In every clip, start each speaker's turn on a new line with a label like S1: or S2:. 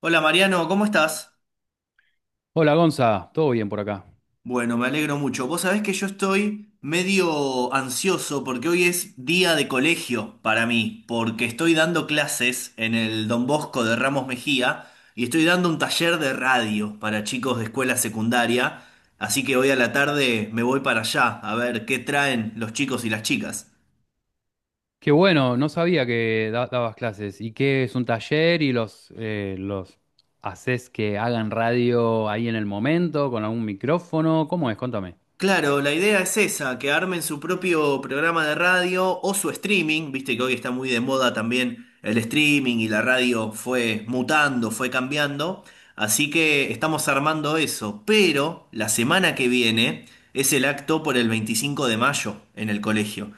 S1: Hola Mariano, ¿cómo estás?
S2: Hola Gonza, todo bien por acá.
S1: Bueno, me alegro mucho. Vos sabés que yo estoy medio ansioso porque hoy es día de colegio para mí, porque estoy dando clases en el Don Bosco de Ramos Mejía y estoy dando un taller de radio para chicos de escuela secundaria, así que hoy a la tarde me voy para allá a ver qué traen los chicos y las chicas.
S2: Qué bueno, no sabía que dabas clases. ¿Y qué es un taller y los haces que hagan radio ahí en el momento con algún micrófono? ¿Cómo es? Contame.
S1: Claro, la idea es esa, que armen su propio programa de radio o su streaming, viste que hoy está muy de moda también el streaming y la radio fue mutando, fue cambiando, así que estamos armando eso, pero la semana que viene es el acto por el 25 de mayo en el colegio.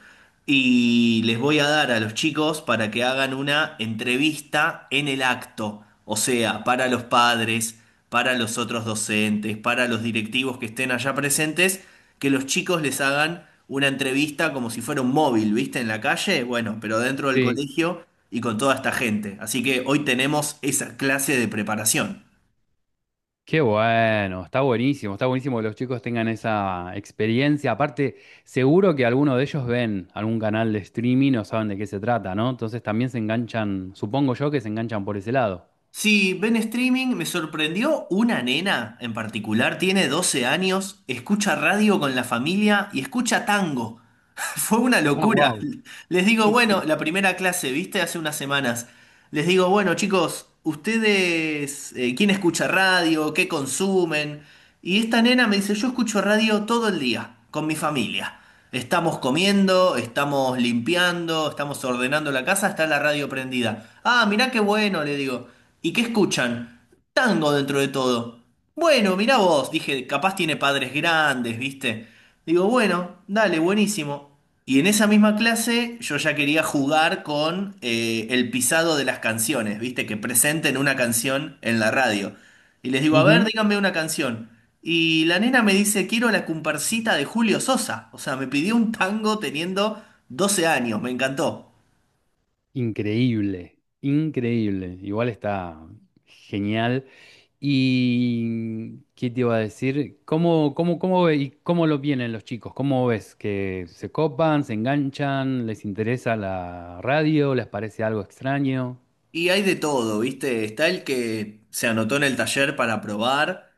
S1: Y les voy a dar a los chicos para que hagan una entrevista en el acto, o sea, para los padres, para los otros docentes, para los directivos que estén allá presentes, que los chicos les hagan una entrevista como si fuera un móvil, ¿viste? En la calle, bueno, pero dentro del
S2: Sí.
S1: colegio y con toda esta gente. Así que hoy tenemos esa clase de preparación.
S2: Qué bueno, está buenísimo que los chicos tengan esa experiencia. Aparte, seguro que alguno de ellos ven algún canal de streaming o saben de qué se trata, ¿no? Entonces también se enganchan, supongo yo que se enganchan por ese lado.
S1: Sí, ven streaming, me sorprendió una nena en particular, tiene 12 años, escucha radio con la familia y escucha tango. Fue una
S2: Ah,
S1: locura.
S2: wow.
S1: Les digo, bueno, la primera clase, viste, hace unas semanas. Les digo, bueno, chicos, ustedes, ¿quién escucha radio? ¿Qué consumen? Y esta nena me dice, yo escucho radio todo el día, con mi familia. Estamos comiendo, estamos limpiando, estamos ordenando la casa, está la radio prendida. Ah, mirá qué bueno, le digo. ¿Y qué escuchan? Tango dentro de todo. Bueno, mirá vos, dije, capaz tiene padres grandes, ¿viste? Digo, bueno, dale, buenísimo. Y en esa misma clase yo ya quería jugar con el pisado de las canciones, ¿viste? Que presenten una canción en la radio. Y les digo, a ver, díganme una canción. Y la nena me dice, quiero la comparsita de Julio Sosa. O sea, me pidió un tango teniendo 12 años, me encantó.
S2: Increíble, increíble. Igual está genial. ¿Y qué te iba a decir? ¿Cómo y cómo lo vienen los chicos? ¿Cómo ves? ¿Que se copan, se enganchan, les interesa la radio, les parece algo extraño?
S1: Y hay de todo, ¿viste? Está el que se anotó en el taller para probar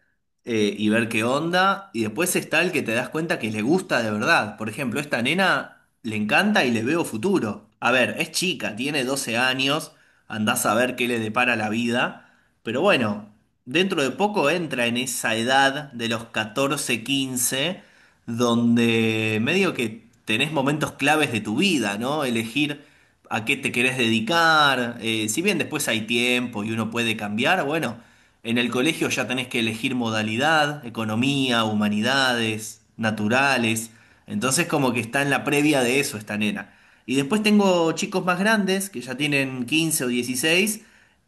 S1: y ver qué onda. Y después está el que te das cuenta que le gusta de verdad. Por ejemplo, esta nena le encanta y le veo futuro. A ver, es chica, tiene 12 años, andás a ver qué le depara la vida. Pero bueno, dentro de poco entra en esa edad de los 14, 15 donde medio que tenés momentos claves de tu vida, ¿no? Elegir a qué te querés dedicar. Si bien después hay tiempo y uno puede cambiar, bueno, en el colegio ya tenés que elegir modalidad, economía, humanidades, naturales. Entonces como que está en la previa de eso esta nena. Y después tengo chicos más grandes que ya tienen 15 o 16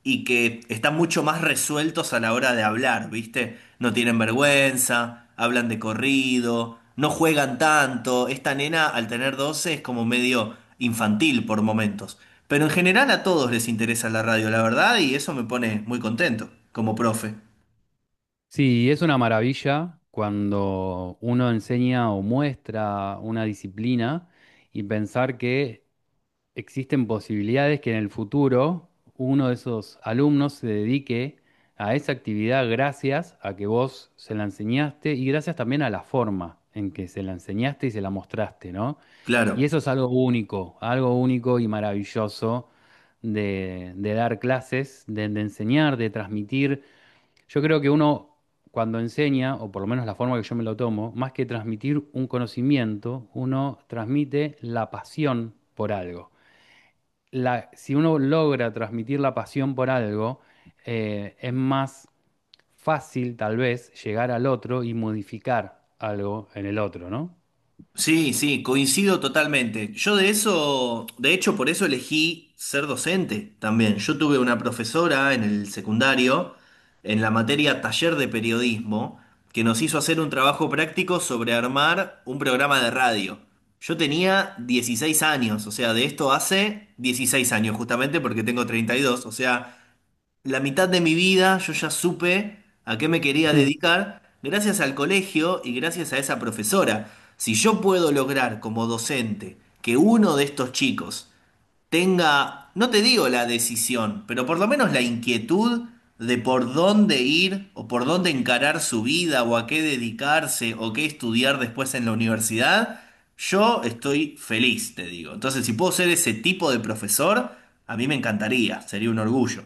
S1: y que están mucho más resueltos a la hora de hablar, ¿viste? No tienen vergüenza, hablan de corrido, no juegan tanto. Esta nena, al tener 12 es como medio infantil por momentos. Pero en general a todos les interesa la radio, la verdad, y eso me pone muy contento, como profe.
S2: Sí, es una maravilla cuando uno enseña o muestra una disciplina y pensar que existen posibilidades que en el futuro uno de esos alumnos se dedique a esa actividad gracias a que vos se la enseñaste y gracias también a la forma en que se la enseñaste y se la mostraste, ¿no? Y
S1: Claro.
S2: eso es algo único y maravilloso de dar clases, de enseñar, de transmitir. Yo creo que uno cuando enseña, o por lo menos la forma que yo me lo tomo, más que transmitir un conocimiento, uno transmite la pasión por algo si uno logra transmitir la pasión por algo, es más fácil tal vez llegar al otro y modificar algo en el otro, ¿no?
S1: Sí, sí, coincido totalmente. Yo de eso, de hecho, por eso elegí ser docente también. Yo tuve una profesora en el secundario, en la materia taller de periodismo, que nos hizo hacer un trabajo práctico sobre armar un programa de radio. Yo tenía 16 años, o sea, de esto hace 16 años, justamente porque tengo 32, o sea, la mitad de mi vida yo ya supe a qué me quería
S2: Mm.
S1: dedicar gracias al colegio y gracias a esa profesora. Si yo puedo lograr como docente que uno de estos chicos tenga, no te digo la decisión, pero por lo menos la inquietud de por dónde ir o por dónde encarar su vida o a qué dedicarse o qué estudiar después en la universidad, yo estoy feliz, te digo. Entonces, si puedo ser ese tipo de profesor, a mí me encantaría, sería un orgullo.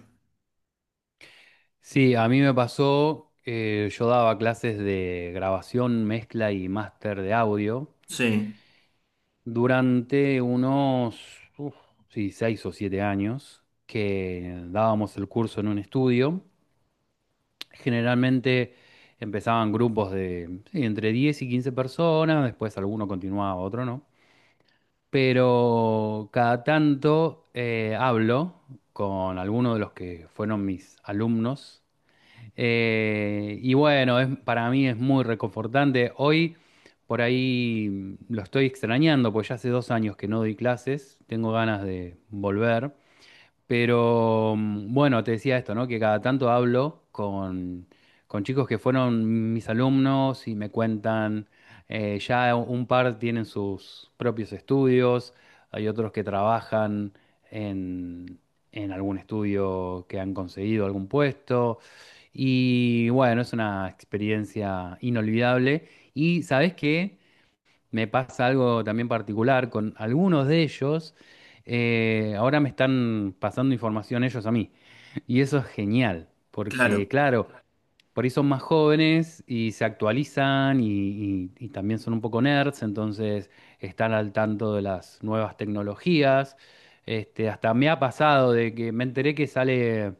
S2: Sí, a mí me pasó, yo daba clases de grabación, mezcla y máster de audio
S1: Sí.
S2: durante unos, uf, sí, 6 o 7 años que dábamos el curso en un estudio. Generalmente empezaban grupos de sí, entre 10 y 15 personas, después alguno continuaba, otro no. Pero cada tanto hablo con algunos de los que fueron mis alumnos. Y bueno, para mí es muy reconfortante. Hoy por ahí lo estoy extrañando, porque ya hace 2 años que no doy clases, tengo ganas de volver. Pero mm, bueno, te decía esto, ¿no? Que cada tanto hablo con chicos que fueron mis alumnos y me cuentan, ya un par tienen sus propios estudios, hay otros que trabajan en, en algún estudio que han conseguido algún puesto. Y bueno, es una experiencia inolvidable. ¿Y sabes qué? Me pasa algo también particular con algunos de ellos. Ahora me están pasando información ellos a mí. Y eso es genial, porque
S1: Claro.
S2: claro, por ahí son más jóvenes y se actualizan y también son un poco nerds, entonces están al tanto de las nuevas tecnologías. Este, hasta me ha pasado de que me enteré que sale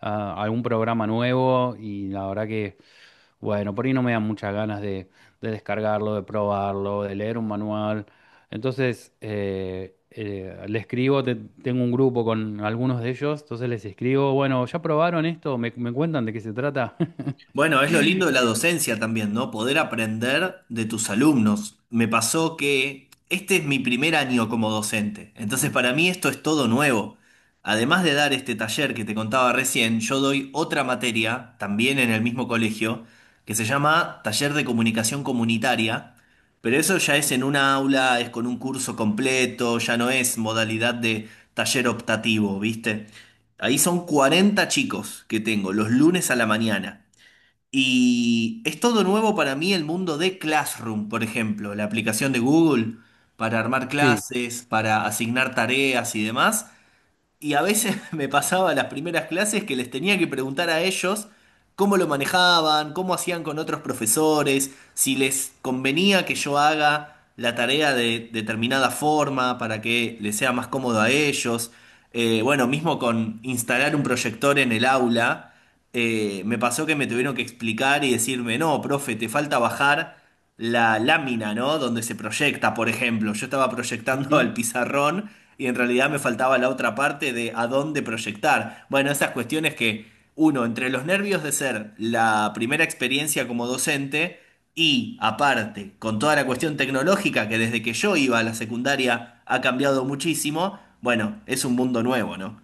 S2: algún programa nuevo y la verdad que, bueno, por ahí no me dan muchas ganas de descargarlo, de probarlo, de leer un manual. Entonces, le escribo, tengo un grupo con algunos de ellos, entonces les escribo, bueno, ¿ya probaron esto? ¿Me cuentan de qué se trata?
S1: Bueno, es lo lindo de la
S2: Eh,
S1: docencia también, ¿no? Poder aprender de tus alumnos. Me pasó que este es mi primer año como docente, entonces para mí esto es todo nuevo. Además de dar este taller que te contaba recién, yo doy otra materia, también en el mismo colegio, que se llama Taller de Comunicación Comunitaria, pero eso ya es en una aula, es con un curso completo, ya no es modalidad de taller optativo, ¿viste? Ahí son 40 chicos que tengo los lunes a la mañana. Y es todo nuevo para mí el mundo de Classroom, por ejemplo, la aplicación de Google para armar clases, para asignar tareas y demás. Y a veces me pasaba las primeras clases que les tenía que preguntar a ellos cómo lo manejaban, cómo hacían con otros profesores, si les convenía que yo haga la tarea de determinada forma para que les sea más cómodo a ellos. Bueno, mismo con instalar un proyector en el aula, me pasó que me tuvieron que explicar y decirme, no, profe, te falta bajar la lámina, ¿no? Donde se proyecta, por ejemplo. Yo estaba proyectando
S2: Sí.
S1: al pizarrón y en realidad me faltaba la otra parte de a dónde proyectar. Bueno, esas cuestiones que uno, entre los nervios de ser la primera experiencia como docente y aparte, con toda la cuestión tecnológica que desde que yo iba a la secundaria ha cambiado muchísimo, bueno, es un mundo nuevo, ¿no?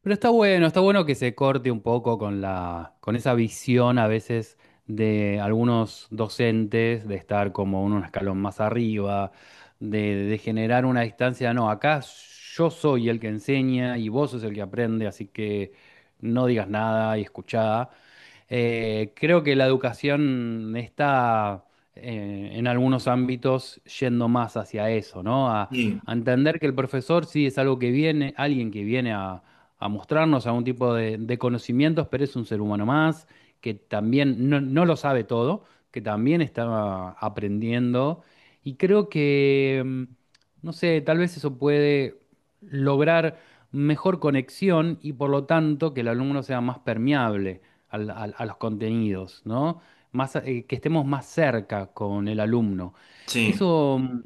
S2: Pero está bueno que se corte un poco con con esa visión a veces de algunos docentes de estar como en un escalón más arriba, de generar una distancia. No, acá yo soy el que enseña y vos sos el que aprende, así que no digas nada y escuchá. Creo que la educación está en algunos ámbitos yendo más hacia eso, ¿no?
S1: Sí,
S2: A entender que el profesor sí es algo que viene, alguien que viene a mostrarnos algún tipo de conocimientos, pero es un ser humano más que también no, no lo sabe todo, que también está aprendiendo. Y creo que, mm, no sé, tal vez eso puede lograr mejor conexión y por lo tanto que el alumno sea más permeable a los contenidos, ¿no? Más, que estemos más cerca con el alumno.
S1: sí.
S2: Eso mm,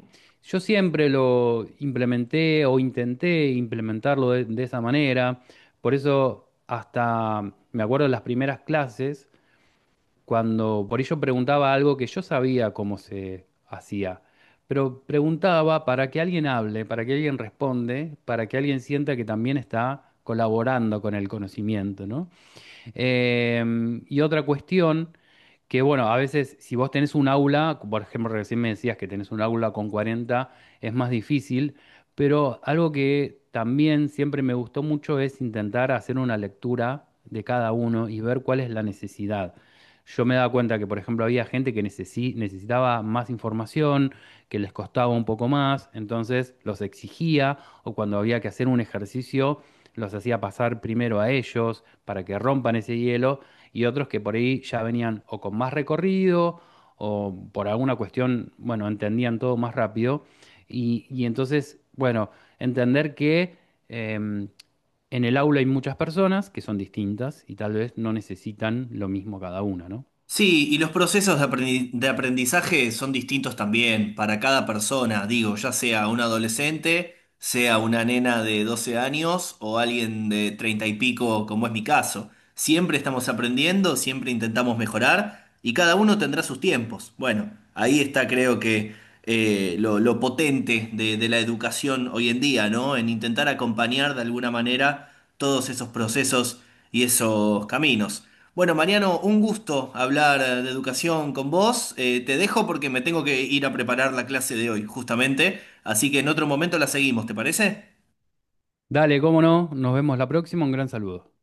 S2: yo siempre lo implementé o intenté implementarlo de esa manera. Por eso hasta me acuerdo de las primeras clases, cuando por ello preguntaba algo que yo sabía cómo se hacía, pero preguntaba para que alguien hable, para que alguien responde, para que alguien sienta que también está colaborando con el conocimiento, ¿no? Y otra cuestión que, bueno, a veces si vos tenés un aula, por ejemplo, recién me decías que tenés un aula con 40 es más difícil, pero algo que también siempre me gustó mucho es intentar hacer una lectura de cada uno y ver cuál es la necesidad. Yo me daba cuenta que, por ejemplo, había gente que necesitaba más información, que les costaba un poco más, entonces los exigía, o cuando había que hacer un ejercicio, los hacía pasar primero a ellos para que rompan ese hielo y otros que por ahí ya venían o con más recorrido o por alguna cuestión, bueno, entendían todo más rápido. Y entonces, bueno, entender que en el aula hay muchas personas que son distintas y tal vez no necesitan lo mismo cada una, ¿no?
S1: Sí, y los procesos de de aprendizaje son distintos también para cada persona, digo, ya sea un adolescente, sea una nena de 12 años o alguien de 30 y pico, como es mi caso. Siempre estamos aprendiendo, siempre intentamos mejorar y cada uno tendrá sus tiempos. Bueno, ahí está creo que lo potente de la educación hoy en día, ¿no? En intentar acompañar de alguna manera todos esos procesos y esos caminos. Bueno, Mariano, un gusto hablar de educación con vos. Te dejo porque me tengo que ir a preparar la clase de hoy, justamente. Así que en otro momento la seguimos, ¿te parece?
S2: Dale, cómo no, nos vemos la próxima, un gran saludo.